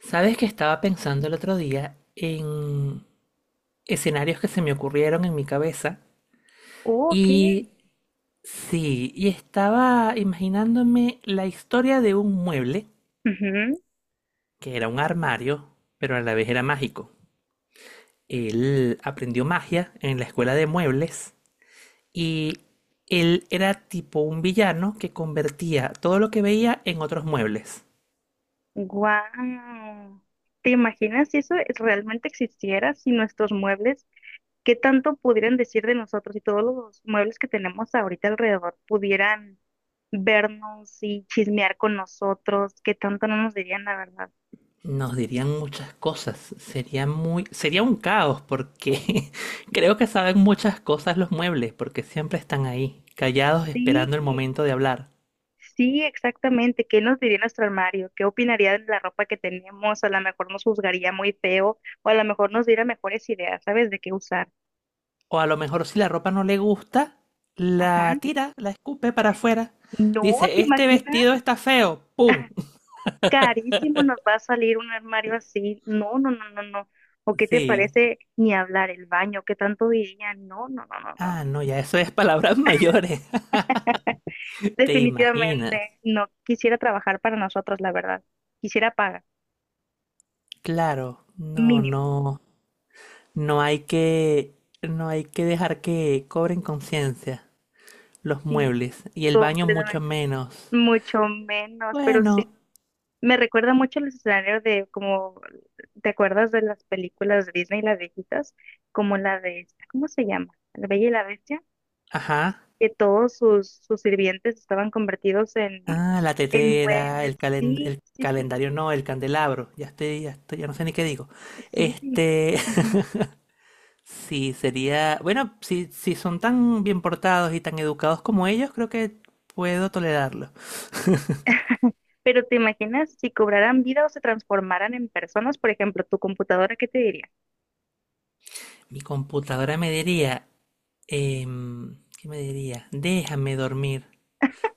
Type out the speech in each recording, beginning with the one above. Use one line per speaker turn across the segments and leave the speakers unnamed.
Sabes que estaba pensando el otro día en escenarios que se me ocurrieron en mi cabeza
Oh, ok.
y sí, y estaba imaginándome la historia de un mueble que era un armario, pero a la vez era mágico. Él aprendió magia en la escuela de muebles y él era tipo un villano que convertía todo lo que veía en otros muebles.
Wow. ¿Te imaginas si realmente existiera, si nuestros muebles, qué tanto pudieran decir de nosotros y todos los muebles que tenemos ahorita alrededor pudieran vernos y chismear con nosotros, qué tanto no nos dirían la verdad?
Nos dirían muchas cosas. Sería muy, sería un caos porque creo que saben muchas cosas los muebles, porque siempre están ahí, callados esperando el
Sí,
momento de hablar.
sí, exactamente. ¿Qué nos diría nuestro armario? ¿Qué opinaría de la ropa que tenemos? A lo mejor nos juzgaría muy feo o a lo mejor nos diera mejores ideas, ¿sabes? De qué usar.
O a lo mejor si la ropa no le gusta, la
Ajá.
tira, la escupe para afuera. Dice,
No, ¿te
este
imaginas?
vestido está feo. ¡Pum!
Carísimo nos va a salir un armario así. No, no, no, no, no. ¿O qué te
Sí.
parece ni hablar el baño? ¿Qué tanto diría? No, no, no, no, no.
Ah, no, ya eso es palabras mayores. ¿Te imaginas?
Definitivamente no quisiera trabajar para nosotros, la verdad. Quisiera pagar
Claro, no,
mínimo.
no, no hay que, no hay que dejar que cobren conciencia. Los
Sí,
muebles y el baño mucho
completamente.
menos.
Mucho menos, pero sí.
Bueno,
Me recuerda mucho el escenario de, como, ¿te acuerdas de las películas de Disney, las viejitas? Como la de, ¿cómo se llama? La Bella y la Bestia.
ajá.
Que todos sus sirvientes estaban convertidos
Ah, la
en
tetera,
muebles.
el
Sí, sí, sí,
calendario no, el candelabro. Ya estoy, ya no sé ni qué digo.
sí, sí.
Este,
Ajá.
sí, sería, bueno, si, si son tan bien portados y tan educados como ellos, creo que puedo tolerarlo.
Pero te imaginas si cobraran vida o se transformaran en personas, por ejemplo, tu computadora, ¿qué te diría?
Mi computadora me diría, ¿qué me diría? Déjame dormir,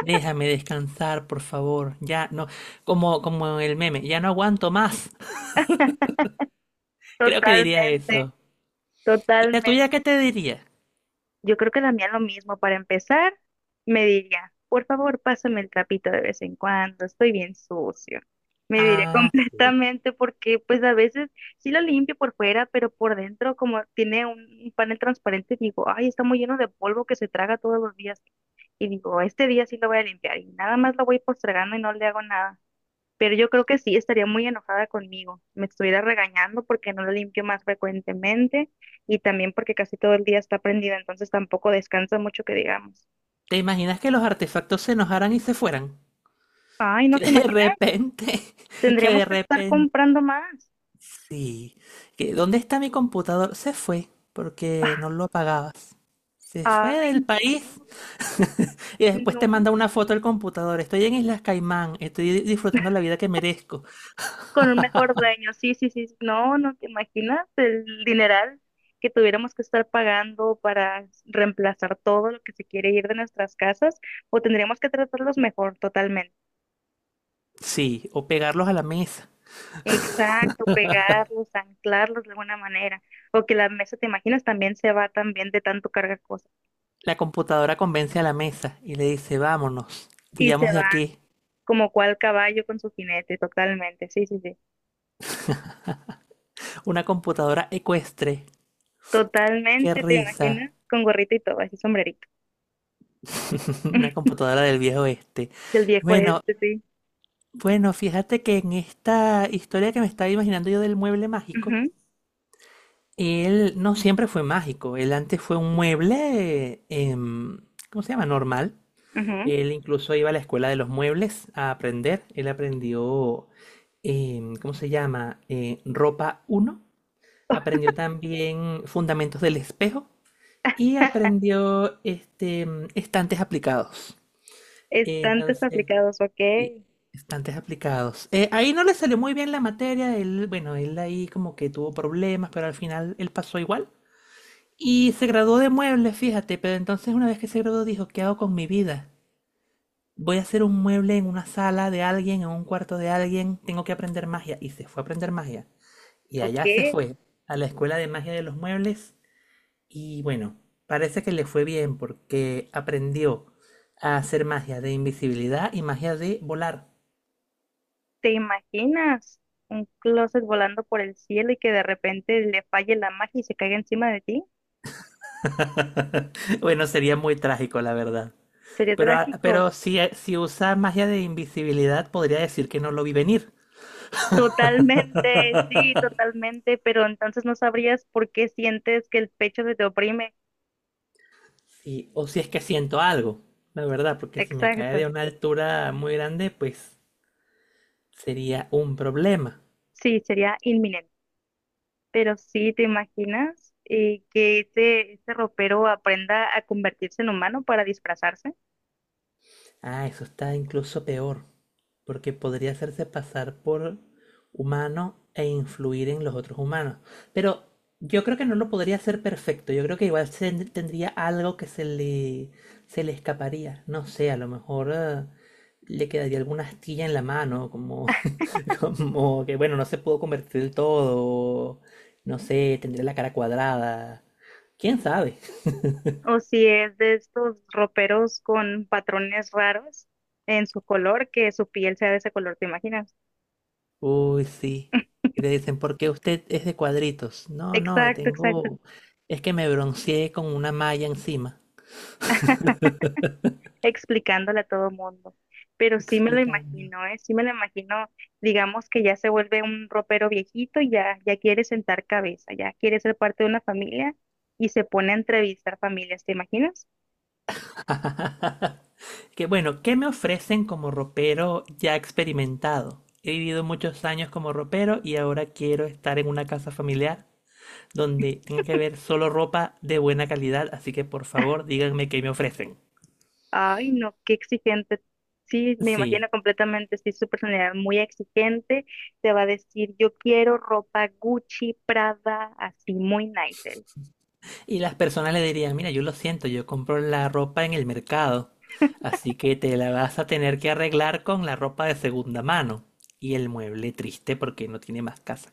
déjame descansar, por favor. Ya, no, como, como el meme, ya no aguanto más. Creo que diría
Totalmente,
eso. ¿Y la tuya qué
totalmente.
te diría?
Yo creo que la mía lo mismo. Para empezar, me diría, por favor, pásame el trapito de vez en cuando, estoy bien sucio. Me diría
Ah, sí.
completamente porque, pues, a veces sí lo limpio por fuera, pero por dentro, como tiene un panel transparente, digo, ay, está muy lleno de polvo que se traga todos los días. Y digo, este día sí lo voy a limpiar y nada más lo voy postergando y no le hago nada, pero yo creo que sí estaría muy enojada conmigo, me estuviera regañando porque no lo limpio más frecuentemente, y también porque casi todo el día está prendida, entonces tampoco descansa mucho, que digamos.
¿Te imaginas que los artefactos se enojaran y se fueran?
Ay, no
Que
te
de
imaginas,
repente, que
tendríamos
de
que estar
repente,
comprando más.
sí. Que, ¿dónde está mi computador? Se fue porque no lo apagabas. Se fue
Ay,
del país.
no,
Y después
no,
te manda una foto del computador. Estoy en Islas Caimán, estoy disfrutando la vida que merezco.
con un mejor dueño, sí, sí, sí, no, no te imaginas el dineral que tuviéramos que estar pagando para reemplazar todo lo que se quiere ir de nuestras casas, o tendríamos que tratarlos mejor, totalmente.
Sí, o pegarlos a la mesa.
Exacto, pegarlos, anclarlos de alguna manera, o que la mesa, te imaginas, también se va, también de tanto cargar cosas,
La computadora convence a la mesa y le dice, vámonos,
y se
huyamos de
va
aquí.
como cual caballo con su jinete, totalmente, sí, sí, sí,
Una computadora ecuestre. Qué
totalmente, te
risa.
imaginas, con gorrito y todo, así, sombrerito,
Una computadora del viejo oeste.
del viejo
Bueno,
este, sí,
bueno, fíjate que en esta historia que me estaba imaginando yo del mueble mágico, él no siempre fue mágico. Él antes fue un mueble, ¿cómo se llama? Normal.
ujú, ujú.
Él incluso iba a la escuela de los muebles a aprender. Él aprendió, ¿cómo se llama? Ropa uno. Aprendió también fundamentos del espejo. Y aprendió este, estantes aplicados.
Estantes
Entonces,
aplicados,
sí,
ok,
estantes aplicados. Ahí no le salió muy bien la materia, él, bueno, él ahí como que tuvo problemas, pero al final él pasó igual. Y se graduó de muebles, fíjate, pero entonces una vez que se graduó dijo, ¿qué hago con mi vida? Voy a hacer un mueble en una sala de alguien, en un cuarto de alguien, tengo que aprender magia. Y se fue a aprender magia. Y
ok,
allá se fue, a la escuela de magia de los muebles. Y bueno, parece que le fue bien porque aprendió a hacer magia de invisibilidad y magia de volar.
te imaginas un closet volando por el cielo y que de repente le falle la magia y se caiga encima de ti,
Bueno, sería muy trágico, la verdad.
sería
Pero,
trágico.
pero si, si usa magia de invisibilidad, podría decir que no lo vi venir.
Totalmente, sí, totalmente, pero entonces no sabrías por qué sientes que el pecho se te oprime.
Sí, o si es que siento algo, la verdad, porque si me cae
Exacto.
de una altura muy grande, pues sería un problema.
Sí, sería inminente. Pero sí, ¿te imaginas, que ese ropero aprenda a convertirse en humano para disfrazarse?
Ah, eso está incluso peor, porque podría hacerse pasar por humano e influir en los otros humanos. Pero yo creo que no lo podría hacer perfecto. Yo creo que igual tendría algo que se le escaparía. No sé, a lo mejor le quedaría alguna astilla en la mano, como, como que, bueno, no se pudo convertir del todo. No sé, tendría la cara cuadrada. ¿Quién sabe?
O si es de estos roperos con patrones raros en su color, que su piel sea de ese color, ¿te imaginas?
Uy, sí. Y te dicen, ¿por qué usted es de cuadritos? No, no,
Exacto, exacto.
tengo... Es que me bronceé con una malla encima.
Explicándole a todo mundo. Pero sí me lo
Explicando.
imagino, ¿eh? Sí me lo imagino, digamos que ya se vuelve un ropero viejito y ya, ya quiere sentar cabeza, ya quiere ser parte de una familia y se pone a entrevistar familias, ¿te imaginas?
Que bueno, ¿qué me ofrecen como ropero ya experimentado? He vivido muchos años como ropero y ahora quiero estar en una casa familiar donde tenga que ver solo ropa de buena calidad, así que por favor díganme qué me ofrecen.
Ay, no, qué exigente. Sí, me
Sí.
imagino completamente, sí, su personalidad muy exigente. Te va a decir, yo quiero ropa Gucci, Prada, así, muy nice. Él.
Y las personas le dirían, mira, yo lo siento, yo compro la ropa en el mercado, así que te la vas a tener que arreglar con la ropa de segunda mano y el mueble triste porque no tiene más casa.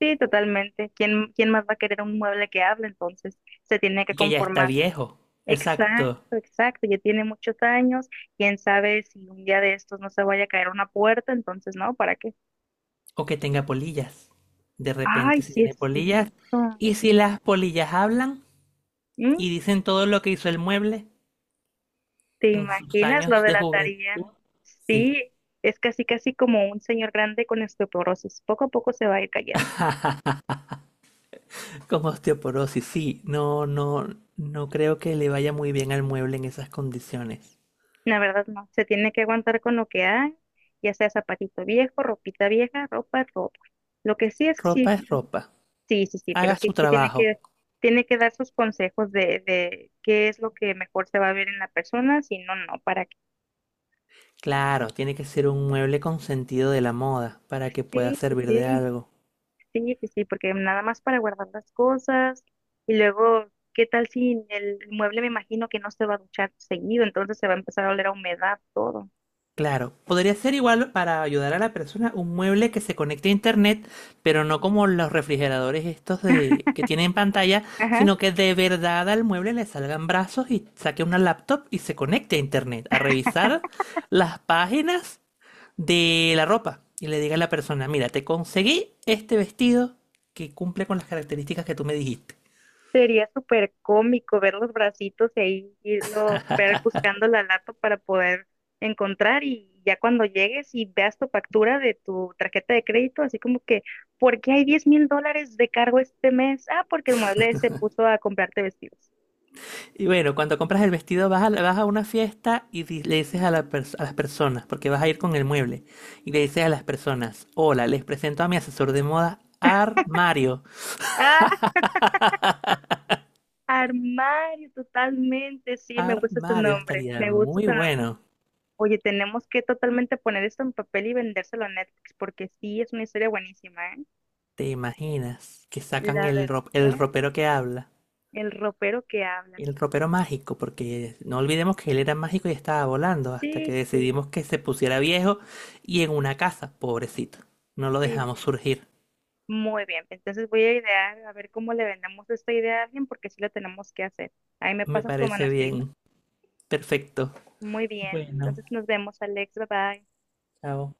Sí, totalmente. ¿Quién, quién más va a querer un mueble que hable? Entonces, se tiene que
Y que ya está
conformar.
viejo, exacto,
Exacto, exacto, ya tiene muchos años, quién sabe si un día de estos no se vaya a caer una puerta, entonces no, ¿para qué?
o que tenga polillas. De
Ay,
repente si
sí
tiene
es
polillas,
cierto.
y si las polillas hablan
¿Mm?
y dicen todo lo que hizo el mueble
¿Te
en sus
imaginas lo
años
de
de
la tarea?
juventud, sí,
Sí, es casi casi como un señor grande con osteoporosis, poco a poco se va a ir cayendo.
como osteoporosis, sí, no, no, no creo que le vaya muy bien al mueble en esas condiciones.
La verdad no, se tiene que aguantar con lo que hay, ya sea zapatito viejo, ropita vieja, ropa, ropa. Lo que sí es que
Ropa
sí,
es ropa.
sí, sí, sí, pero
Haga
sí,
su
sí
trabajo.
tiene que dar sus consejos de qué es lo que mejor se va a ver en la persona, si no, no, para qué.
Claro, tiene que ser un mueble con sentido de la moda para que pueda
Sí, sí,
servir de
sí,
algo.
sí, sí, sí, porque nada más para guardar las cosas, y luego, ¿qué tal si el mueble, me imagino que no se va a duchar seguido, entonces se va a empezar a oler a humedad todo?
Claro, podría ser igual para ayudar a la persona un mueble que se conecte a internet, pero no como los refrigeradores estos de que tienen pantalla,
Ajá.
sino que de verdad al mueble le salgan brazos y saque una laptop y se conecte a internet a revisar las páginas de la ropa y le diga a la persona, mira, te conseguí este vestido que cumple con las características que tú me dijiste.
Sería súper cómico ver los bracitos y ahí irlo, ver buscando la lata para poder encontrar, y ya cuando llegues y veas tu factura de tu tarjeta de crédito, así como que, ¿por qué hay 10.000 dólares de cargo este mes? Ah, porque el mueble se puso a comprarte vestidos.
Y bueno, cuando compras el vestido vas a, vas a una fiesta y le dices a, a las personas, porque vas a ir con el mueble, y le dices a las personas, hola, les presento a mi asesor de moda, Armario.
Ah, armario, totalmente, sí, me gusta ese
Armario
nombre,
estaría
me gusta
muy
ese nombre.
bueno.
Oye, tenemos que totalmente poner esto en papel y vendérselo a Netflix, porque sí, es una historia buenísima, ¿eh?
¿Te imaginas que sacan
La
el, el
verdad,
ropero que habla?
el ropero que habla.
El ropero mágico, porque no olvidemos que él era mágico y estaba volando hasta
Sí,
que
sí,
decidimos que se pusiera viejo y en una casa, pobrecito. No lo
sí, sí.
dejamos surgir.
Muy bien. Entonces voy a idear a ver cómo le vendemos esta idea a alguien, porque sí lo tenemos que hacer. Ahí me
Me
pasas tu
parece
manuscrito.
bien. Perfecto.
Muy bien.
Bueno,
Entonces nos vemos, Alex. Bye bye.
chao.